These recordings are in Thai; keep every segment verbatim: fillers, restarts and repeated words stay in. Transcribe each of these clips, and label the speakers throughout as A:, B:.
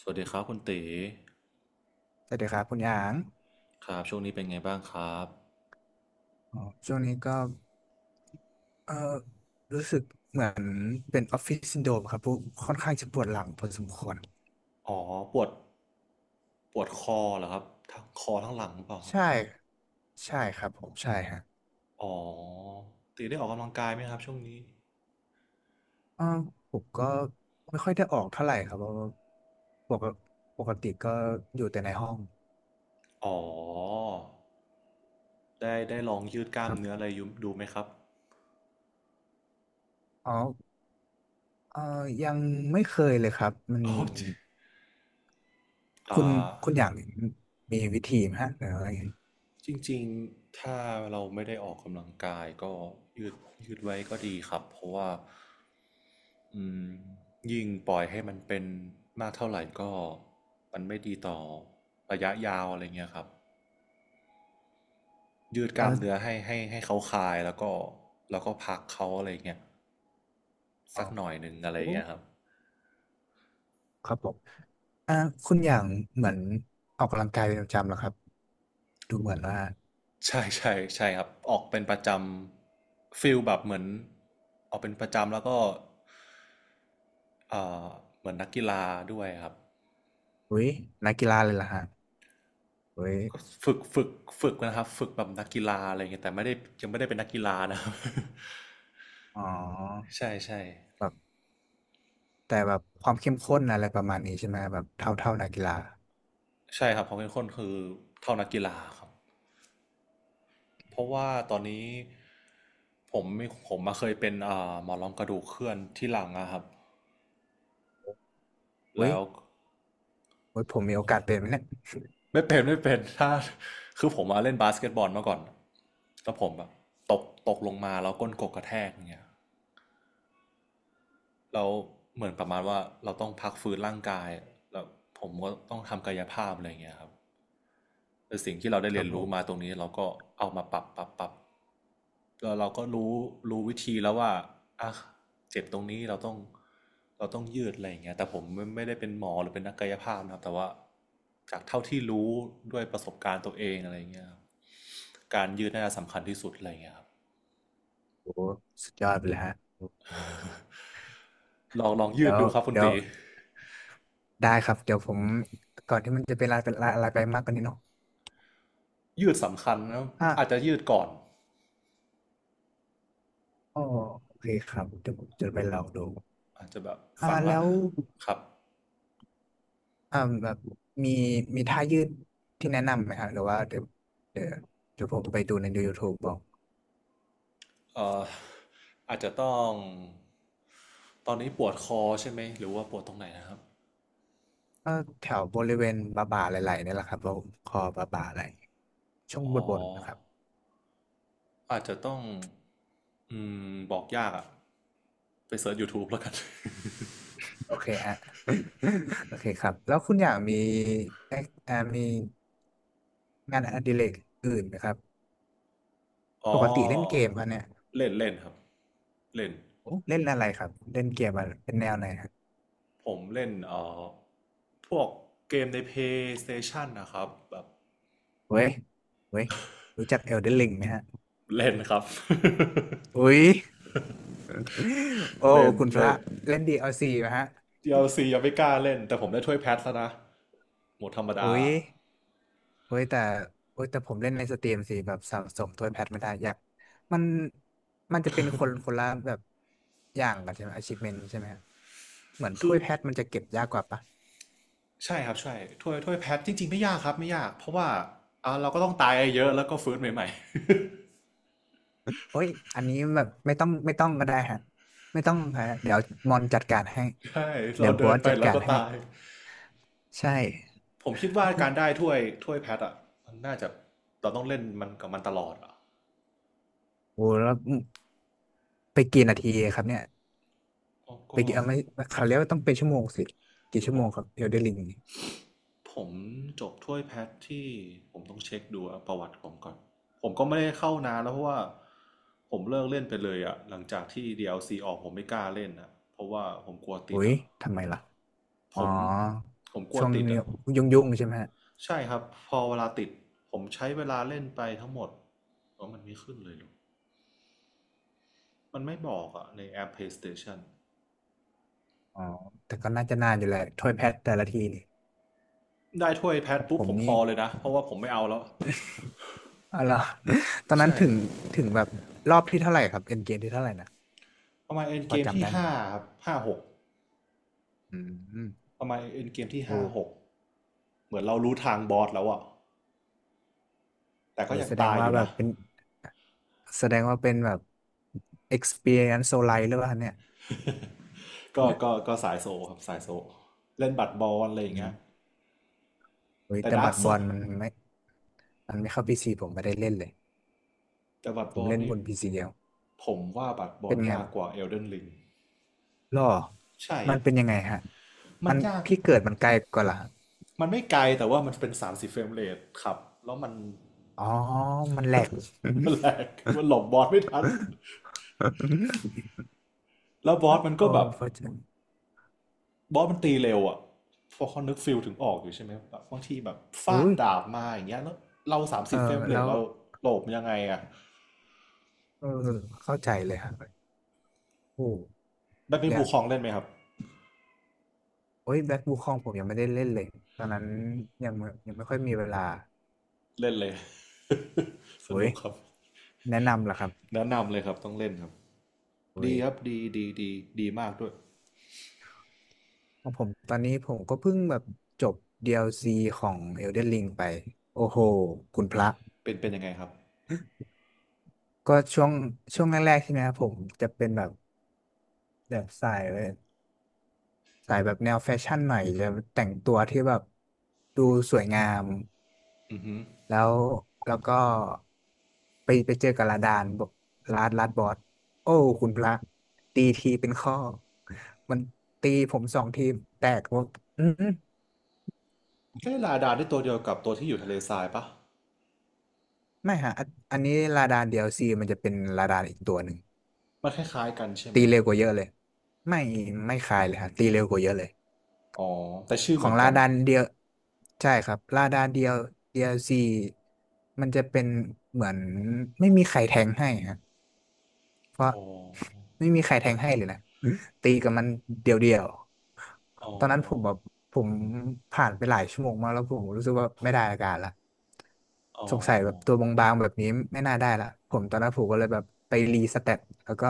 A: สวัสดีครับคุณตี
B: สวัสดีครับคุณหยาง
A: ครับช่วงนี้เป็นไงบ้างครับ
B: อ๋อช่วงนี้ก็เออรู้สึกเหมือนเป็นออฟฟิศซินโดรมครับผค่อนข้างจะปวดหลังพอสมควร
A: อ๋อปวดปวดคอเหรอครับทั้งคอทั้งหลังหรือเปล่าครับ
B: ใช่ใช่ครับผมใช่ฮะ
A: อ๋อตีได้ออกกำลังกายไหมครับช่วงนี้
B: เออผมก็ไม่ค่อยได้ออกเท่าไหร่ครับเพราะว่าปกปกติก็อยู่แต่ในห้อง
A: อ๋อได้ได้ลองยืดกล้า
B: ค
A: ม
B: รั
A: เนื้ออะ
B: บ
A: ไรอยู่ดูไหมครับ
B: อ๋อเออยังไม่เคยเลยครับมัน
A: อ๋ อจริง
B: คุณ
A: อ่า
B: คุณหยางมีวิธีไหมฮะหรืออะไร
A: จริงๆถ้าเราไม่ได้ออกกำลังกายก็ยืดยืดไว้ก็ดีครับเพราะว่าอืมยิ่งปล่อยให้มันเป็นมากเท่าไหร่ก็มันไม่ดีต่อระยะยาวอะไรเงี้ยครับ ยืดกล้ามเนื้อ
B: เออ
A: ให้ให้ให้เขาคลายแล้วก็แล้วก็พักเขาอะไรเงี้ย
B: อ๋
A: สั
B: อ
A: กหน่อยหนึ่งอะไรเงี้ยครับ
B: ครับผมอ่าคุณอย่างเหมือนออกกำลังกายเป็นประจำเหรอครับดูเหมือนว่า
A: ใช่ใช่ใช่ครับออกเป็นประจำฟิลแบบเหมือนออกเป็นประจำแล้วก็เอ่อเหมือนนักกีฬาด้วยครับ
B: อุ้ยนักกีฬาเลยล่ะฮะอุ้ย
A: ก็ฝึกฝึกฝึกนะครับฝึกแบบนักกีฬาอะไรเงี้ยแต่ไม่ได้ยังไม่ได้เป็นนักกีฬานะครับ
B: อ๋อ
A: ใช่ใช่
B: แบบแต่แบบความเข้มข้นอะไรประมาณนี้ใช่ไหมแบบเท่าเท่านักกีฬา
A: ใช่ครับผมเป็นคนคือเท่านักกีฬาครับเพราะว่าตอนนี้ผมมีผมมาเคยเป็นเอ่าหมอนรองกระดูกเคลื่อนที่หลังอะครับ
B: อุ้
A: แล้
B: ย
A: ว
B: อุ้ยผมมีโอกาสเป็นไหมเนี่ย
A: ไม่เป็นไม่เป็นถ้าคือผมมาเล่นบาสเกตบอลมาก่อนแล้วผมแบบตกตกลงมาแล้วก้นกกกระแทกอย่างเงี้ยแล้วเหมือนประมาณว่าเราต้องพักฟื้นร่างกายแล้วผมก็ต้องทำกายภาพอะไรอย่างเงี้ยครับแต่สิ่งที่เราได้
B: ค
A: เรี
B: รั
A: ย
B: บ
A: น
B: ผ
A: รู้มา
B: ม
A: ตรงนี้เราก็เอามาปรับปรับปรับแล้วเราก็รู้รู้วิธีแล้วว่าอ่ะเจ็บตรงนี้เราต้องเราต้องยืดอะไรอย่างเงี้ยแต่ผมไม่ไม่ได้เป็นหมอหรือเป็นนักกายภาพนะครับแต่ว่าจากเท่าที่รู้ด้วยประสบการณ์ตัวเองอะไรอย่างเงี้ย การยืดน่าจะสำคัญที่สุดอะไรอย่างเงี้ยครับ
B: โอ้สุดยอดไปเลยฮะ
A: ลองลองยื
B: เดี๋
A: ด
B: ยว
A: ดูครับคุณ
B: เดี๋ยว
A: ตี
B: ได้ครับ เดี๋ยวผมก่อนที่มันจะเป็นอะไรเป็นลายอะไรไปมากกว่านี้เนาะ
A: ยืดสำคัญนะ
B: อ่ะ
A: อาจจะยืดก่อน
B: อ๋อโอเคครับเดี๋ยวผมจะไปลองดู
A: อาจจะแบบ
B: อ่า
A: ฝั่งละ
B: แล้ว
A: ครับ
B: อ่าแบบมีมีท่ายืดที่แนะนำไหมฮะหรือว่าเดี๋ยวเดี๋ยวเดี๋ยวผมไปดูใน YouTube บอก
A: เอ่ออาจจะต้องตอนนี้ปวดคอใช่ไหมหรือว่าปวดตรงไหนนะครับ
B: ก็แถวบริเวณบ่าบ่าไหล่ๆนี่แหละครับผมคอบ่าบ่าไหล่ช่วงบ
A: อ๋อ
B: นบนนะครับ
A: อาจจะต้องอืมบอกยากอะไปเสิร์ช YouTube แล้วกัน
B: โอเคฮะ โอเคครับแล้วคุณอยากมีเอ่ออ่ามีงานอดิเรกอื่นไหมครับ ป
A: อ๋อ
B: กติเล่นเกมครับเนี่ย
A: เล่นเล่นครับเล่น
B: โอ้เล่นอะไรครับเล่นเกมอะไรเป็นแนวไหนครับ
A: ผมเล่นเอ่อพวกเกมในเพ a y s t a t i o นนะครับแบบ
B: เว้ยเว้ยรู้จักเอลเดนริงไหมฮะ
A: เล่นครับ
B: อุ้ย โอ้
A: เล่น
B: คุณพ
A: เล่
B: ระ
A: น
B: เล่น ดี แอล ซี นะฮะ
A: d l ียังไม่กล้าเล่นแต่ผมได้ถ้วยแพทแล้วนะหมดธรรมดา
B: โอ้ยโอ้ยแต่โอ้ยแต่ผมเล่นในสตรีมสิแบบสะสมถ้วยแพทไม่ได้อยากมันมันจะเป็นคนคนละแบบอย่างกันใช่ไหม achievement ใช่ไหมฮะเหมือน
A: คื
B: ถ้
A: อ
B: วยแพทมันจะเก็บยากกว่าปะ
A: ใช่ครับใช่ถ้วยถ้วยแพทจริงๆไม่ยากครับไม่ยากเพราะว่าอ่าเราก็ต้องตายเยอะแล้วก็ฟื้นใหม่
B: โอ้ยอันนี้แบบไม่ต้องไม่ต้องก็ได้ฮะไม่ต้องฮะเดี๋ยวมอนจัดการให้
A: ๆใช่
B: เดี๋
A: เรา
B: ยวบ
A: เดิ
B: อ
A: น
B: ส
A: ไป
B: จัด
A: แล้ว
B: การ
A: ก็
B: ให้
A: ตาย
B: ใช่
A: ผมคิดว่าการได้ถ้วยถ้วยแพทอ่ะมันน่าจะเราต้องเล่นมันกับมันตลอดอ่ะ
B: โอ้แล้วไปกี่นาทีครับเนี่ย
A: ก
B: ไป
A: ็
B: กี่เอาไม่เขาเรียกว่าต้องเป็นชั่วโมงสิกี่
A: เดี๋ยว
B: ชั่
A: ผ
B: วโม
A: ม
B: งครับเอลเดนริง
A: ผมจบถ้วยแพทที่ผมต้องเช็คดูอะประวัติผมก่อนผมก็ไม่ได้เข้านานแล้วเพราะว่าผมเลิกเล่นไปเลยอะหลังจากที่ ดี แอล ซี อลซีออกผมไม่กล้าเล่นอะเพราะว่าผมกลัวติ
B: อุ๊
A: ด
B: ย
A: อะ
B: ทำไมล่ะ
A: ผ
B: อ๋อ
A: มผมกลัว
B: ช่วง
A: ติดอะ
B: ยุ่งยุ่งๆใช่ไหมฮะ
A: ใช่ครับพอเวลาติดผมใช้เวลาเล่นไปทั้งหมดว่ามันไม่ขึ้นเลยหรอมันไม่บอกอะในแอป PlayStation
B: อ๋อแต่ก็น่าจะนานอยู่แหละถ้วยแพทแต่ละทีนี่
A: ได้ถ้วยแพ
B: ข
A: ท
B: อง
A: ปุ๊
B: ผ
A: บ
B: ม
A: ผมพ
B: นี่
A: อเลยนะเพราะว่าผมไม่เอาแล้ว
B: อะไรอ ตอนนั้น
A: ใช่
B: ถึงถึงแบบรอบที่เท่าไหร่ครับเอ็นเกมที่เท่าไหร่นะ
A: ประมาณเอ็น
B: พ
A: เก
B: อ
A: ม
B: จำ
A: ที่
B: ได้ไหม
A: ห้า
B: ครับ
A: ครับห้าหก
B: อืม
A: ประมาณเอ็นเกมที่ห้า
B: โอ้
A: หก เหมือนเรารู้ทางบอสแล้วอะแต่
B: โห
A: ก็ยัง
B: แสดง
A: ตายอ
B: ว่า
A: ยู่
B: แบ
A: นะ
B: บเป็นแสดงว่าเป็นแบบ experience so l i g h หรือเปล่าเนี่ย
A: ก็ก็ก็สายโซครับสายโซเล่นบัตรบอลอะไรอย่าง
B: อื
A: เงี้ย
B: มโอ้ย
A: แต่
B: แต่
A: ดาร์
B: บั
A: ก
B: ตร
A: โซ
B: บอลมันไม่มันไม่เข้าพีซีผมไม่ได้เล่นเลย
A: แต่บัตร
B: ผ
A: บ
B: ม
A: อล
B: เล่นบ
A: นี่
B: นพีซีเดียว
A: ผมว่าบัตรบอ
B: เป็
A: ล
B: นไง
A: ยากกว่าเอลเดนลิง
B: หรอ
A: ใช่
B: มันเป็นยังไงฮะ
A: มั
B: มั
A: น
B: น
A: ยาก
B: พี่เกิดมันไกลกว่าล่ะ
A: มันไม่ไกลแต่ว่ามันเป็นสามสิบเฟรมเรทครับแล้วมัน
B: อ๋อ มันแหลก
A: แหลกมันหลบบอสไม่ทันแล้วบอสมัน
B: โอ้
A: ก็แบบ
B: พระเจ้า
A: บอสมันตีเร็วอะพอเขานึกฟิลถึงออกอยู่ใช่ไหมแบบบางทีแบบฟา
B: อุ้
A: ด
B: ย
A: ดาบมาอย่างเงี้ยแล้วเราสาม
B: เอ
A: สิ
B: อ
A: บเฟรมเร
B: แล้
A: ท
B: ว
A: เราหลบยังไงอะ
B: เออเข้าใจเลยครับโอ้
A: แบ
B: ผ
A: ด
B: ม
A: มิน
B: อยา
A: ภู
B: ก
A: คลองเล่นไหมครับ
B: โอ้ยแบ็คบูคองผมยังไม่ได้เล่นเลย ตอนนั้นยังไม่ยังไม่ค่อยมีเวลา
A: เล่นเลย ส
B: โอ้
A: นุ
B: ย
A: กครับ
B: แนะนำล่ะครับ
A: แนะนำเลยครับต้องเล่นครับ
B: โอ้
A: ดี
B: ย
A: ครับดีดีดีดีมากด้วย
B: ของผมตอนนี้ผมก็เพิ่งแบบจบ ดี แอล ซี ของ Elden Ring ไป โอ้โห คุณพระ
A: เป็นเป็นยังไงครับ
B: ก็ช่วงช่วงแรกๆใช่ไหมครับผมจะเป็นแบบ แบบสายเลยสายแบบแนวแฟชั่นหน่อยจะแต่งตัวที่แบบดูสวยงาม
A: อือฮึ
B: แล้วแล้วก็ไปไปเจอกับลาดานบอกลาดลาดบอสโอ้คุณพระตีทีเป็นข้อมันตีผมสองทีแตกว่าอืม
A: ใกล้ลาดาที่ตัวเดียวกับตัวที่อยู่ทะเลทรายปะ
B: ไม่ฮะอันอันนี้ลาดานเดียวซีมันจะเป็นลาดานอีกตัวหนึ่ง
A: มันคล้ายๆกันใช่ไห
B: ตี
A: ม
B: เร็วกว่าเยอะเลยไม่ไม่คลายเลยฮะตีเร็วกว่าเยอะเลย
A: อ๋อแต่ชื่อ
B: ข
A: เห
B: อ
A: มื
B: ง
A: อน
B: ลา
A: กัน
B: ดานเดียวใช่ครับลาดานเดียว ดี แอล ซี มันจะเป็นเหมือนไม่มีใครแทงให้ฮะ เพราะ
A: อ๋อ
B: ไม่มีใครแทงให้เลยนะตีกับมันเดียวๆ
A: อ๋อ
B: ตอนนั้นผมแบบผมผ่านไปหลายชั่วโมงมากแล้วผมรู้สึกว่าไม่ได้อาการละ
A: อ๋อ
B: สงสัยแบบตัวบางๆแบบนี้ไม่น่าได้ละผมตอนนั้นผมก็เลยแบบไปรีสเต็ปแล้วก็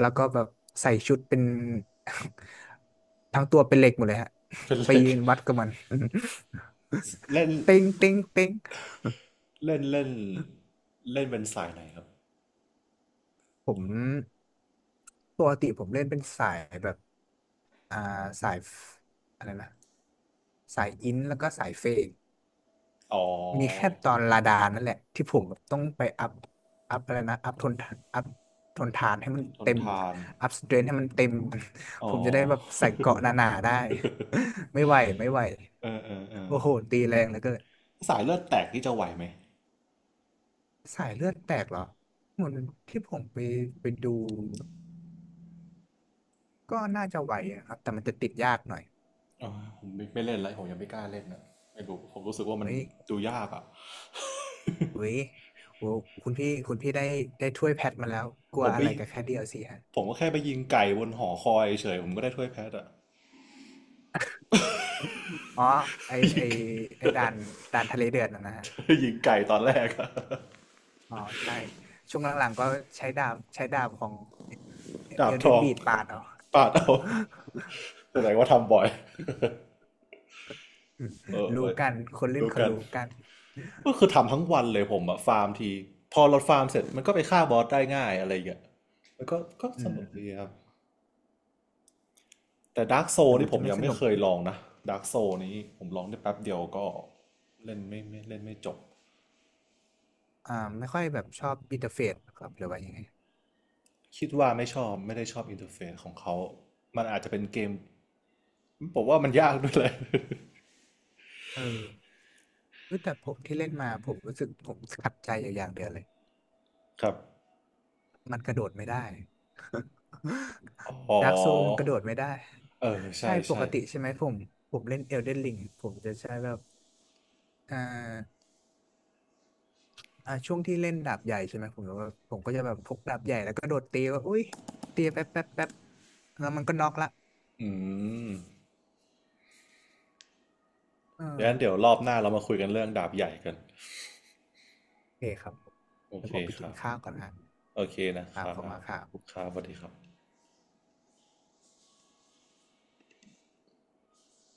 B: แล้วก็แบบใส่ชุดเป็น ทั้งตัวเป็นเหล็กหมดเลยฮะ
A: เป็น เห
B: ไป
A: ล็ก
B: ยืนวัดกับมัน
A: เล่น
B: เต็งเต็งเต็ง
A: เล่นเล่นเล่นเป็นสายไหนครับ
B: ผมปกติผมเล่นเป็นสายแบบ อ่าสายฟอะไรนะสายอินแล้วก็สายเฟด
A: อ๋อ
B: มีแค่ตอนลาดานั่นแหละที่ผมแบบต้องไปอัพอัพอะไรนะอัพทนทานอัพทนทานให้มัน
A: ทน
B: เต็ม
A: ทาน
B: อัพสเตรนให้มันเต็ม
A: อ๋อ
B: ผมจะได้แบบใส่เกราะหนาๆได้ ไม่ไหวไม่ไหว
A: เออเออเออ
B: โอ้โหตีแรงเหลือเกิน
A: สายเลือดแตกนี่จะไหวไหม
B: สายเลือดแตกเหรอเหมือนที่ผมไปไปดูก็น่าจะไหวอะครับแต่มันจะติดยากหน่อย
A: อ๋อผมไม่ไม่เล่นแล้วผมยังไม่กล้าเล่นนะไม่รู้ผมรู้สึกว่ามัน
B: เฮ้ย
A: ดูยากอ่ะ
B: เฮ้ยโอ้คุณพี่คุณพี่ได้ได้ถ้วยแพทมาแล้วกลั
A: ผ
B: ว
A: มไป
B: อะไรกับแค่ ดี แอล ซี ฮะ
A: ผมก็แค่ไปยิงไก่บนหอคอยเฉยผมก็ได้ถ้วยแพทอ่ะ
B: อ๋อไอ ไอ
A: ยิง
B: ไอด่านด่านทะเลเดือดนะนะฮะ
A: ยิงไก่ตอนแรกอะ
B: อ๋อใช่ช่วงหลังๆ ก็ใช้ดาบใช้ดาบของ
A: ดา
B: เอ
A: บ
B: ล
A: ท
B: เดน
A: อง
B: บีดปาดเอา
A: ปาดเอา แสดงว่าทำบ่อยเออ เอ
B: รู้
A: อ
B: กัน คนเล่น
A: รู้
B: เขา
A: กัน
B: รู้กัน
A: ก็คือทำทั้งวันเลยผมอะฟาร์มทีพอเราฟาร์มเสร็จมันก็ไปฆ่าบอสได้ง่ายอะไรอย่างเงี้ยแล้วก็ก็
B: อื
A: สนุ
B: ม
A: กดีครับ แต่ดาร์กโซ
B: แต่มั
A: นี่
B: น
A: ผ
B: จะ
A: ม
B: ไม่
A: ยัง
B: ส
A: ไม่
B: นุก
A: เคยลองนะดาร์กโซนี้ผมลองได้แป๊บเดียวก็เล่นไม่ไม่เล่นไม่จบ
B: อ่าไม่ค่อยแบบชอบอินเทอร์เฟซครับหรือว่ายังไง
A: คิดว่าไม่ชอบไม่ได้ชอบอินเทอร์เฟซของเขามันอาจจะเป็นเกมผมว่ามันยากด้วยเลย
B: เออเอ้ยแต่ผมที่เล่นมาผมรู้สึกผมขัดใจอยู่อย่างเดียวเลย
A: ครับ
B: มันกระโดดไม่ได้
A: อ๋ อ
B: ดาร์กโซมันกระโดดไม่ได้
A: เออ
B: ใช่
A: ใช่
B: ป
A: ใช่
B: กติใช่ไหมผม ผมเล่นเอลเดนริงผมจะใช้แบบเอ่า อ่าช่วงที่เล่นดาบใหญ่ใช่ไหมผมก็ผมก็จะแบบพกดาบใหญ่แล้วก็โดดตีว่าอุ้ยตีแป๊บแป๊บแป๊บแล้วมันก็น็อกละ
A: อืม
B: เอ
A: งั้น
B: อ
A: เดี๋ยวรอบหน้าเรามาคุยกันเรื่องดาบใหญ่กัน
B: โอเคครับ
A: โอ
B: เดี๋ย
A: เค
B: วผมไป
A: ค
B: กิน
A: รับ
B: ข้าวก่อนนะ
A: โอเคนะค
B: ข่าว
A: รั
B: เข้ามา
A: บ
B: ข่าว
A: ครับสวัสดีครับ